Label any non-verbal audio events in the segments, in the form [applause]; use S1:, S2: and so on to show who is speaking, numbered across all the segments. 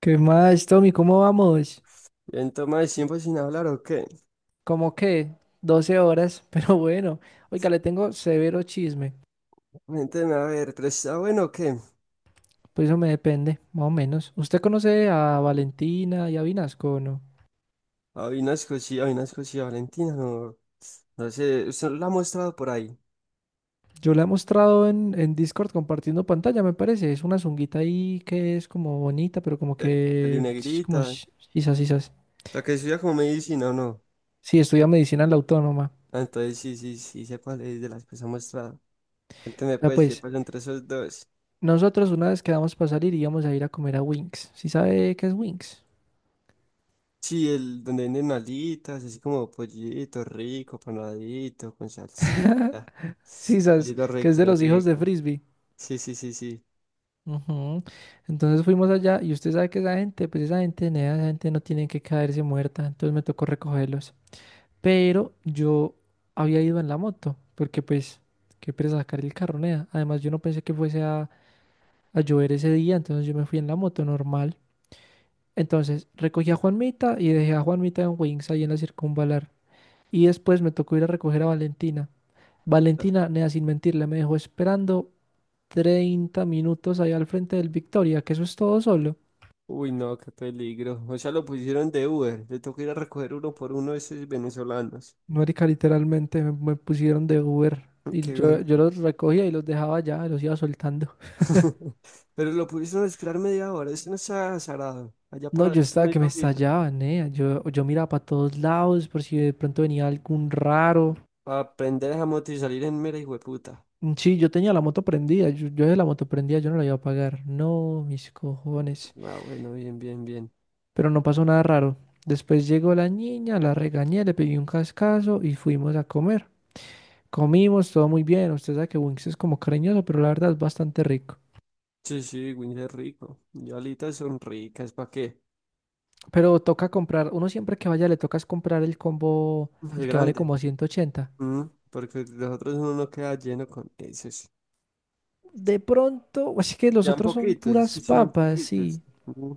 S1: ¿Qué más, Tommy? ¿Cómo vamos?
S2: Bien, toma de tiempo sin hablar, ¿o qué?
S1: ¿Cómo qué? 12 horas, [laughs] pero bueno. Oiga, le tengo severo chisme.
S2: Cuénteme, a ver, pero está bueno, ¿o qué?
S1: Pues eso me depende, más o menos. ¿Usted conoce a Valentina y a Vinasco o no?
S2: Hay una cosillas, Valentina, no, no sé, usted la ha mostrado por ahí,
S1: Yo la he mostrado en Discord compartiendo pantalla, me parece. Es una zunguita ahí que es como bonita, pero como
S2: peli
S1: que es Como...
S2: negrita,
S1: sh- Sisas, sisas.
S2: la que estudia como medicina, ¿o no?
S1: Sí, estudia medicina en la autónoma.
S2: Ah, entonces sí, sí, sí, sé cuál es de las que se ha mostrado. Cuénteme,
S1: Ya
S2: pues, qué
S1: pues,
S2: pasa entre esos dos.
S1: nosotros una vez quedamos para salir, íbamos a ir a comer a Winx. ¿Sí sabe qué es Winx?
S2: Sí, el donde venden alitas, así como pollito rico, panadito, con salsita,
S1: [laughs] Sisas,
S2: pollito
S1: que es
S2: rico,
S1: de los hijos de
S2: rico.
S1: Frisbee.
S2: Sí, sí, sí, sí.
S1: Ujú. Entonces fuimos allá y usted sabe que esa gente, pues esa gente, nea, esa gente no tiene que caerse muerta, entonces me tocó recogerlos. Pero yo había ido en la moto, porque pues, qué pereza sacar el carro, nea. Además yo no pensé que fuese a llover ese día, entonces yo me fui en la moto normal. Entonces recogí a Juanmita y dejé a Juanmita en Wings ahí en la circunvalar. Y después me tocó ir a recoger a Valentina. Valentina, nea, sin mentirle, me dejó esperando 30 minutos allá al frente del Victoria, que eso es todo solo.
S2: Uy, no, qué peligro. O sea, lo pusieron de Uber. Le tocó ir a recoger uno por uno de esos venezolanos.
S1: Marica, literalmente me pusieron de Uber
S2: [laughs]
S1: y
S2: Qué honor.
S1: yo los recogía y los dejaba allá, los iba soltando.
S2: [laughs] Pero lo pusieron a esperar media hora. Eso no está azarado. Allá
S1: No, yo
S2: paradito
S1: estaba que
S2: media
S1: me
S2: horita.
S1: estallaba, nea. Yo miraba para todos lados por si de pronto venía algún raro.
S2: Para aprender a moto y salir en mera hijueputa.
S1: Mm, sí, yo tenía la moto prendida, yo de la moto prendida, yo no la iba a pagar. No, mis cojones.
S2: Ah, bueno, bien, bien, bien.
S1: Pero no pasó nada raro. Después llegó la niña, la regañé, le pedí un cascazo y fuimos a comer. Comimos, todo muy bien. Usted sabe que Wings es como cariñoso, pero la verdad es bastante rico.
S2: Sí, sí, Winnie es rico. Y alitas son ricas. ¿Para qué?
S1: Pero toca comprar, uno siempre que vaya le tocas comprar el combo,
S2: Muy
S1: el que vale
S2: grande.
S1: como 180.
S2: Mm. Porque los otros uno no queda lleno con esos.
S1: De pronto, [laughs] así que los
S2: Sean
S1: otros son
S2: poquitos, es que
S1: puras
S2: sean
S1: papas,
S2: poquitos.
S1: sí.
S2: Mm.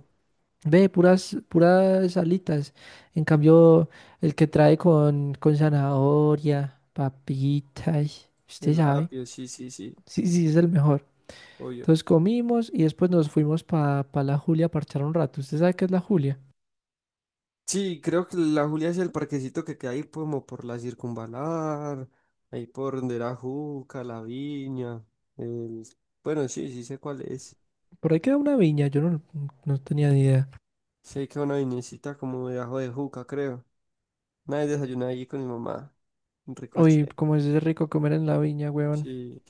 S1: Ve, puras alitas. En cambio, el que trae con zanahoria, papitas, usted
S2: El
S1: sabe.
S2: apio, sí, sí, sí.
S1: Sí, sí, es el mejor.
S2: Obvio.
S1: Entonces comimos y después nos fuimos para la Julia a parchar un rato. ¿Usted sabe qué es la Julia?
S2: Sí, creo que la Julia es el parquecito que queda ahí como por la circunvalar, ahí por donde era Juca, la Viña, el... bueno, sí, sí sé cuál es.
S1: Por ahí queda una viña, yo no tenía ni idea.
S2: Sé que una viñecita como debajo de Juca, creo. Nadie desayuna ahí con mi mamá, un
S1: Uy,
S2: ricoche.
S1: cómo es de rico comer en la viña, weón.
S2: Sí,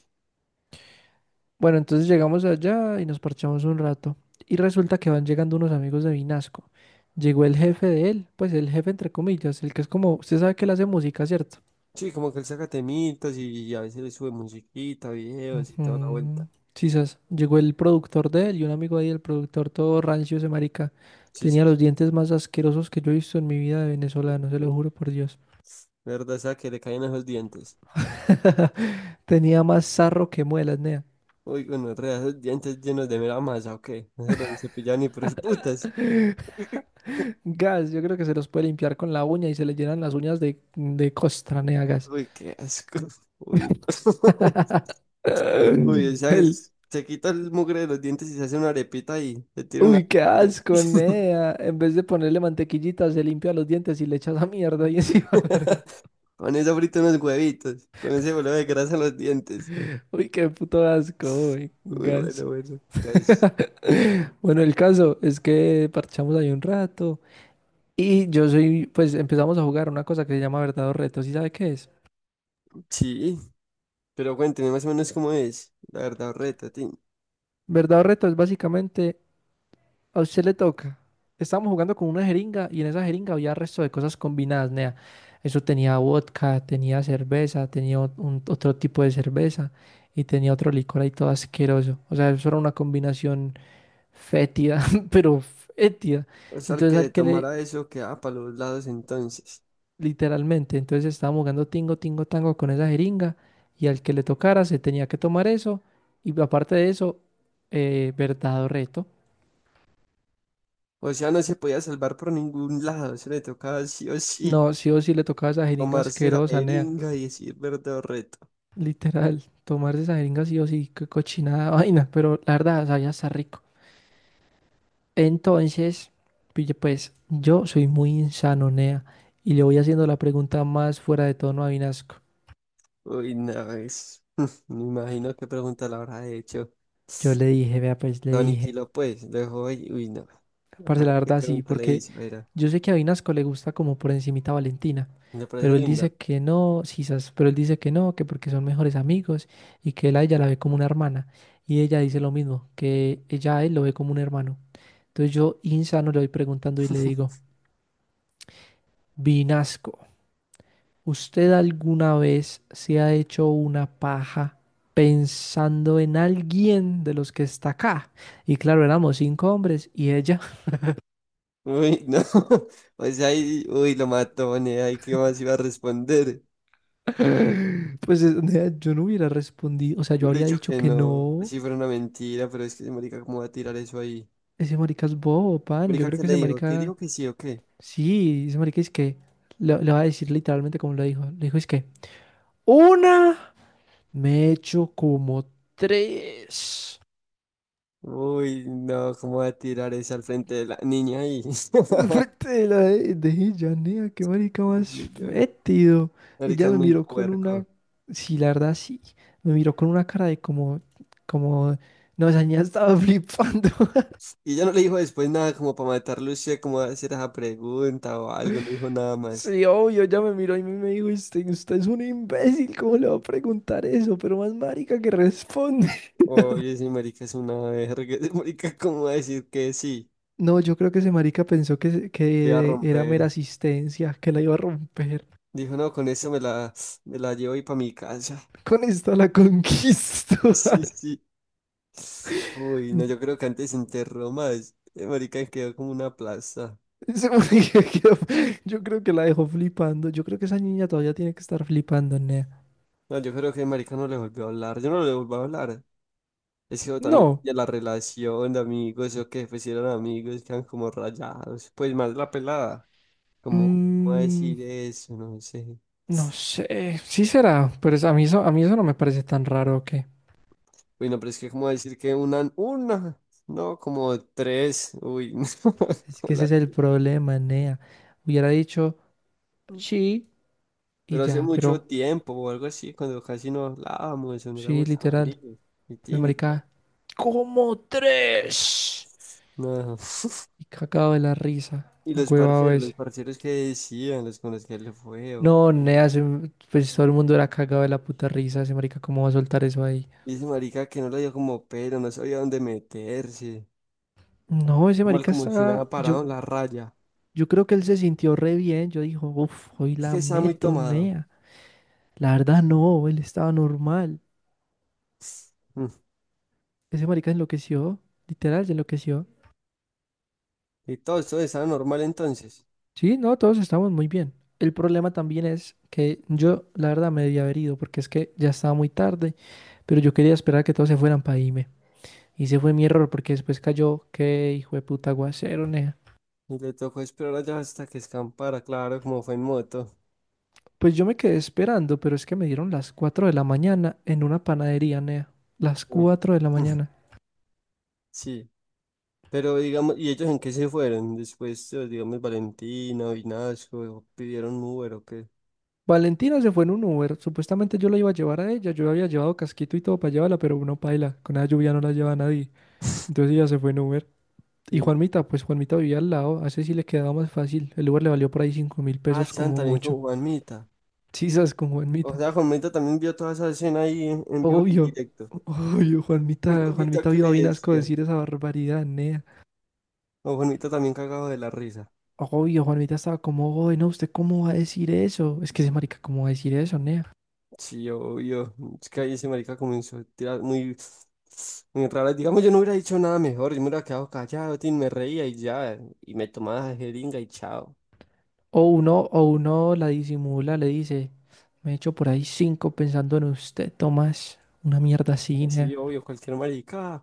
S1: Bueno, entonces llegamos allá y nos parchamos un rato. Y resulta que van llegando unos amigos de Vinasco. Llegó el jefe de él, pues el jefe entre comillas, el que es como, usted sabe que él hace música, ¿cierto?
S2: sí, como que él saca temitas y, a veces le sube musiquita, videos y toda la vuelta.
S1: Ujú. Sí, sas. Llegó el productor de él y un amigo ahí, el productor todo rancio, ese marica.
S2: Sí, sí,
S1: Tenía
S2: sí.
S1: los dientes más asquerosos que yo he visto en mi vida de venezolano, se
S2: Eh,
S1: lo juro por Dios.
S2: La verdad, esa que le caen esos dientes.
S1: [laughs] Tenía más sarro que muelas, nea.
S2: Uy, bueno, re, esos dientes llenos de mera masa, ¿o qué? No se los cepillan ni por el putas.
S1: Gas, yo creo que se los puede limpiar con la uña y se le llenan las uñas de costra, nea, gas.
S2: Uy, qué asco. Uy, [laughs]
S1: [laughs]
S2: uy, o
S1: [laughs]
S2: sea,
S1: El,
S2: se quita el mugre de los dientes y se hace una arepita y se tira una...
S1: uy, qué asco,
S2: [laughs]
S1: nea. En vez de ponerle mantequillita, se limpia los dientes y le echa esa mierda y encima. [laughs]
S2: Con eso frito unos huevitos, con ese bolo de grasa en los dientes.
S1: Uy, qué puto asco, uy,
S2: Uy, bueno,
S1: gas.
S2: bueno, casi.
S1: [laughs] Bueno, el caso es que parchamos ahí un rato y yo soy, pues empezamos a jugar una cosa que se llama verdad o reto. ¿Sí sabe qué es?
S2: Sí, pero cuénteme más o menos cómo es, la verdad, reta, Tim.
S1: Verdad o reto es básicamente a usted le toca. Estábamos jugando con una jeringa y en esa jeringa había resto de cosas combinadas, nea. Eso tenía vodka, tenía cerveza, tenía otro tipo de cerveza y tenía otro licor ahí todo asqueroso. O sea, eso era una combinación fétida, [laughs] pero fétida.
S2: O sea, el
S1: Entonces
S2: que
S1: al
S2: se
S1: que le,
S2: tomara eso quedaba para los lados entonces.
S1: literalmente, entonces estábamos jugando tingo, tingo, tango con esa jeringa y al que le tocara se tenía que tomar eso y aparte de eso, verdad o reto.
S2: O sea, no se podía salvar por ningún lado, se le tocaba sí o sí
S1: No, sí o sí le tocaba esa jeringa
S2: tomarse la
S1: asquerosa, nea.
S2: jeringa y decir verdad.
S1: Literal, tomar esa jeringa sí o sí, qué cochinada [laughs] vaina, pero la verdad sabía está rico. Entonces, pille, pues yo soy muy insanonea y le voy haciendo la pregunta más fuera de tono a Vinasco.
S2: Uy, no, es... [laughs] Me imagino qué pregunta le habrá hecho.
S1: Yo le dije, vea, pues le
S2: Lo
S1: dije,
S2: aniquiló, pues. Lo dejó ahí. Uy, no. A
S1: parce, la
S2: ver qué
S1: verdad sí,
S2: pregunta le
S1: porque
S2: hizo. Mira,
S1: yo sé que a Vinasco le gusta como por encimita Valentina,
S2: me parece
S1: pero él
S2: linda.
S1: dice que no, quizás, pero él dice que no, que porque son mejores amigos y que él a ella la ve como una hermana y ella dice lo mismo, que ella a él lo ve como un hermano. Entonces yo, insano, le voy preguntando y le digo, Vinasco, ¿usted alguna vez se ha hecho una paja pensando en alguien de los que está acá? Y claro, éramos cinco hombres y ella,
S2: Uy, no. [laughs] O sea, ahí, uy, lo mató, ¿no? Ahí, ¿qué más iba a responder?
S1: [laughs] pues nea, yo no hubiera respondido, o sea,
S2: Yo
S1: yo
S2: hubiera
S1: habría
S2: dicho
S1: dicho
S2: que
S1: que
S2: no.
S1: no,
S2: Así fuera una mentira, pero es que, marica, ¿cómo va a tirar eso ahí?
S1: ese marica es bobo, pan, yo
S2: Marica,
S1: creo
S2: ¿qué
S1: que
S2: le
S1: ese
S2: dijo? ¿Qué
S1: marica,
S2: dijo que sí o qué?
S1: sí, ese marica es que, le va a decir literalmente como lo dijo, le dijo es que, una, me he hecho como tres.
S2: Uy, no, ¿cómo va a tirar eso al frente de la niña ahí?
S1: Al
S2: [laughs]
S1: frente de la de ella, nea, qué marica
S2: Uy,
S1: más
S2: no.
S1: fétido.
S2: Marica
S1: Ella
S2: es
S1: me
S2: muy
S1: miró con
S2: puerco.
S1: una, sí, la verdad, sí, me miró con una cara de como, como, no, esa niña estaba flipando. [laughs]
S2: Y ella no le dijo después nada como para matarlo usted, como a hacer esa pregunta o algo, no dijo nada más.
S1: Sí, obvio, ella me miró y me dijo, usted es un imbécil, ¿cómo le va a preguntar eso? Pero más marica que responde. [laughs]
S2: Oye, ese marica es una verga, [laughs] ese marica cómo va a decir que sí,
S1: No, yo creo que ese marica pensó que,
S2: voy a
S1: que era mera
S2: romper.
S1: asistencia, que la iba a romper.
S2: Dijo, no, con eso me me la llevo y para mi casa.
S1: Con esta la
S2: [laughs]
S1: conquisto.
S2: Sí,
S1: [laughs]
S2: sí. Uy, no, yo creo que antes se enterró más. El marica quedó como una plaza.
S1: Sí, porque [laughs] Yo creo que la dejó flipando. Yo creo que esa niña todavía tiene que estar flipando, nea.
S2: No, yo creo que el marica no le volvió a hablar, yo no le volví a hablar. Es que también
S1: No.
S2: ya la relación de amigos, o que pues si eran amigos, quedan como rayados. Pues más la pelada. ¿Cómo
S1: mm,
S2: decir eso? No sé.
S1: no sé. Sí será, pero a mí eso no me parece tan raro que.
S2: Uy, no, pero es que cómo decir que una, no, como tres, uy, [laughs]
S1: Es
S2: no,
S1: que ese es el problema, nea. Hubiera dicho sí y
S2: Pero hace
S1: ya,
S2: mucho
S1: pero
S2: tiempo o algo así, cuando casi no hablábamos o no
S1: sí,
S2: éramos tan
S1: literal.
S2: amigos. Y
S1: Pero
S2: tin, y ya.
S1: marica, como tres.
S2: No.
S1: Y cagado de la risa.
S2: Y
S1: Agüevado
S2: los
S1: ese.
S2: parceros que decían, los con los que le fue.
S1: No, nea, pues todo el mundo era cagado de la puta risa. Ese marica, ¿cómo va a soltar eso ahí?
S2: Y ese marica que no le dio como pero, no sabía dónde meterse.
S1: No, ese
S2: Normal
S1: marica
S2: como si
S1: está,
S2: nada
S1: yo,
S2: parado en la raya.
S1: yo creo que él se sintió re bien, yo dijo, uff, hoy
S2: Es
S1: la
S2: que estaba muy
S1: meto,
S2: tomado.
S1: nea. La verdad no, él estaba normal.
S2: Mm.
S1: Ese marica enloqueció, literal, se enloqueció.
S2: Y todo esto estaba normal entonces.
S1: Sí, no, todos estamos muy bien. El problema también es que yo, la verdad, me debía haber ido porque es que ya estaba muy tarde, pero yo quería esperar a que todos se fueran para irme. Y ese fue mi error porque después cayó, qué hijo de puta aguacero, nea.
S2: Y le tocó esperar allá hasta que escampara, claro, como fue en moto.
S1: Pues yo me quedé esperando, pero es que me dieron las 4 de la mañana en una panadería, nea. Las
S2: Uy. [laughs]
S1: 4 de la mañana.
S2: Sí, pero digamos, ¿y ellos en qué se fueron? Después, digamos, Valentina, Vinasco, o pidieron Uber o qué.
S1: Valentina se fue en un Uber. Supuestamente yo la iba a llevar a ella. Yo había llevado casquito y todo para llevarla, pero uno paila. Con la lluvia no la lleva nadie. Entonces ella se fue en Uber. Y
S2: Sí.
S1: Juanmita, pues Juanmita vivía al lado. A ese sí le quedaba más fácil. El Uber le valió por ahí cinco mil
S2: Ah,
S1: pesos
S2: están
S1: como
S2: también
S1: mucho.
S2: con Juanmita.
S1: Chisas con
S2: O
S1: Juanmita.
S2: sea, Juanmita también vio toda esa escena ahí en vivo y en
S1: Obvio.
S2: directo.
S1: Obvio,
S2: Y
S1: Juanmita.
S2: Juanmita,
S1: Juanmita
S2: ¿qué
S1: vio a
S2: le
S1: Vinasco
S2: decía?
S1: decir esa barbaridad, nea.
S2: O Juanmita también cagado de la risa.
S1: Obvio, Juanmita estaba como, "Oye, no, ¿usted cómo va a decir eso? Es que ese marica, ¿cómo va a decir eso, nea?
S2: Sí, obvio. Es que ahí ese marica comenzó a tirar muy, muy raras. Digamos, yo no hubiera dicho nada mejor. Yo me hubiera quedado callado, tin, me reía y ya. Y me tomaba de jeringa y chao.
S1: O uno la disimula, le dice. Me he hecho por ahí cinco pensando en usted, Tomás. Una mierda así, nea.
S2: Sí, obvio, cualquier marica.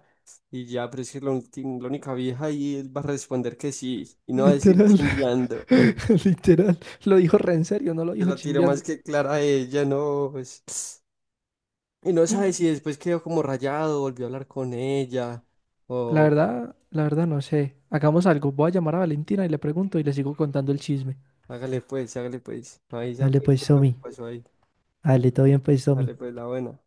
S2: Y ya, pero es que la única vieja ahí él va a responder que sí. Y no va a decir
S1: Literal,
S2: chimbeando.
S1: [laughs] literal. Lo dijo re en serio, no lo
S2: Se
S1: dijo
S2: la tiró más
S1: chimbeando.
S2: que clara a ella, no. Pues. Y no
S1: Mm,
S2: sabe si después quedó como rayado, volvió a hablar con ella. O
S1: La verdad no sé. Hagamos algo. Voy a llamar a Valentina y le pregunto y le sigo contando el chisme.
S2: hágale pues, hágale pues. Ahí ya
S1: Dale
S2: pues,
S1: pues,
S2: ¿qué fue lo que
S1: Somi.
S2: pasó ahí?
S1: Dale, todo bien pues, Somi.
S2: Dale pues, la buena.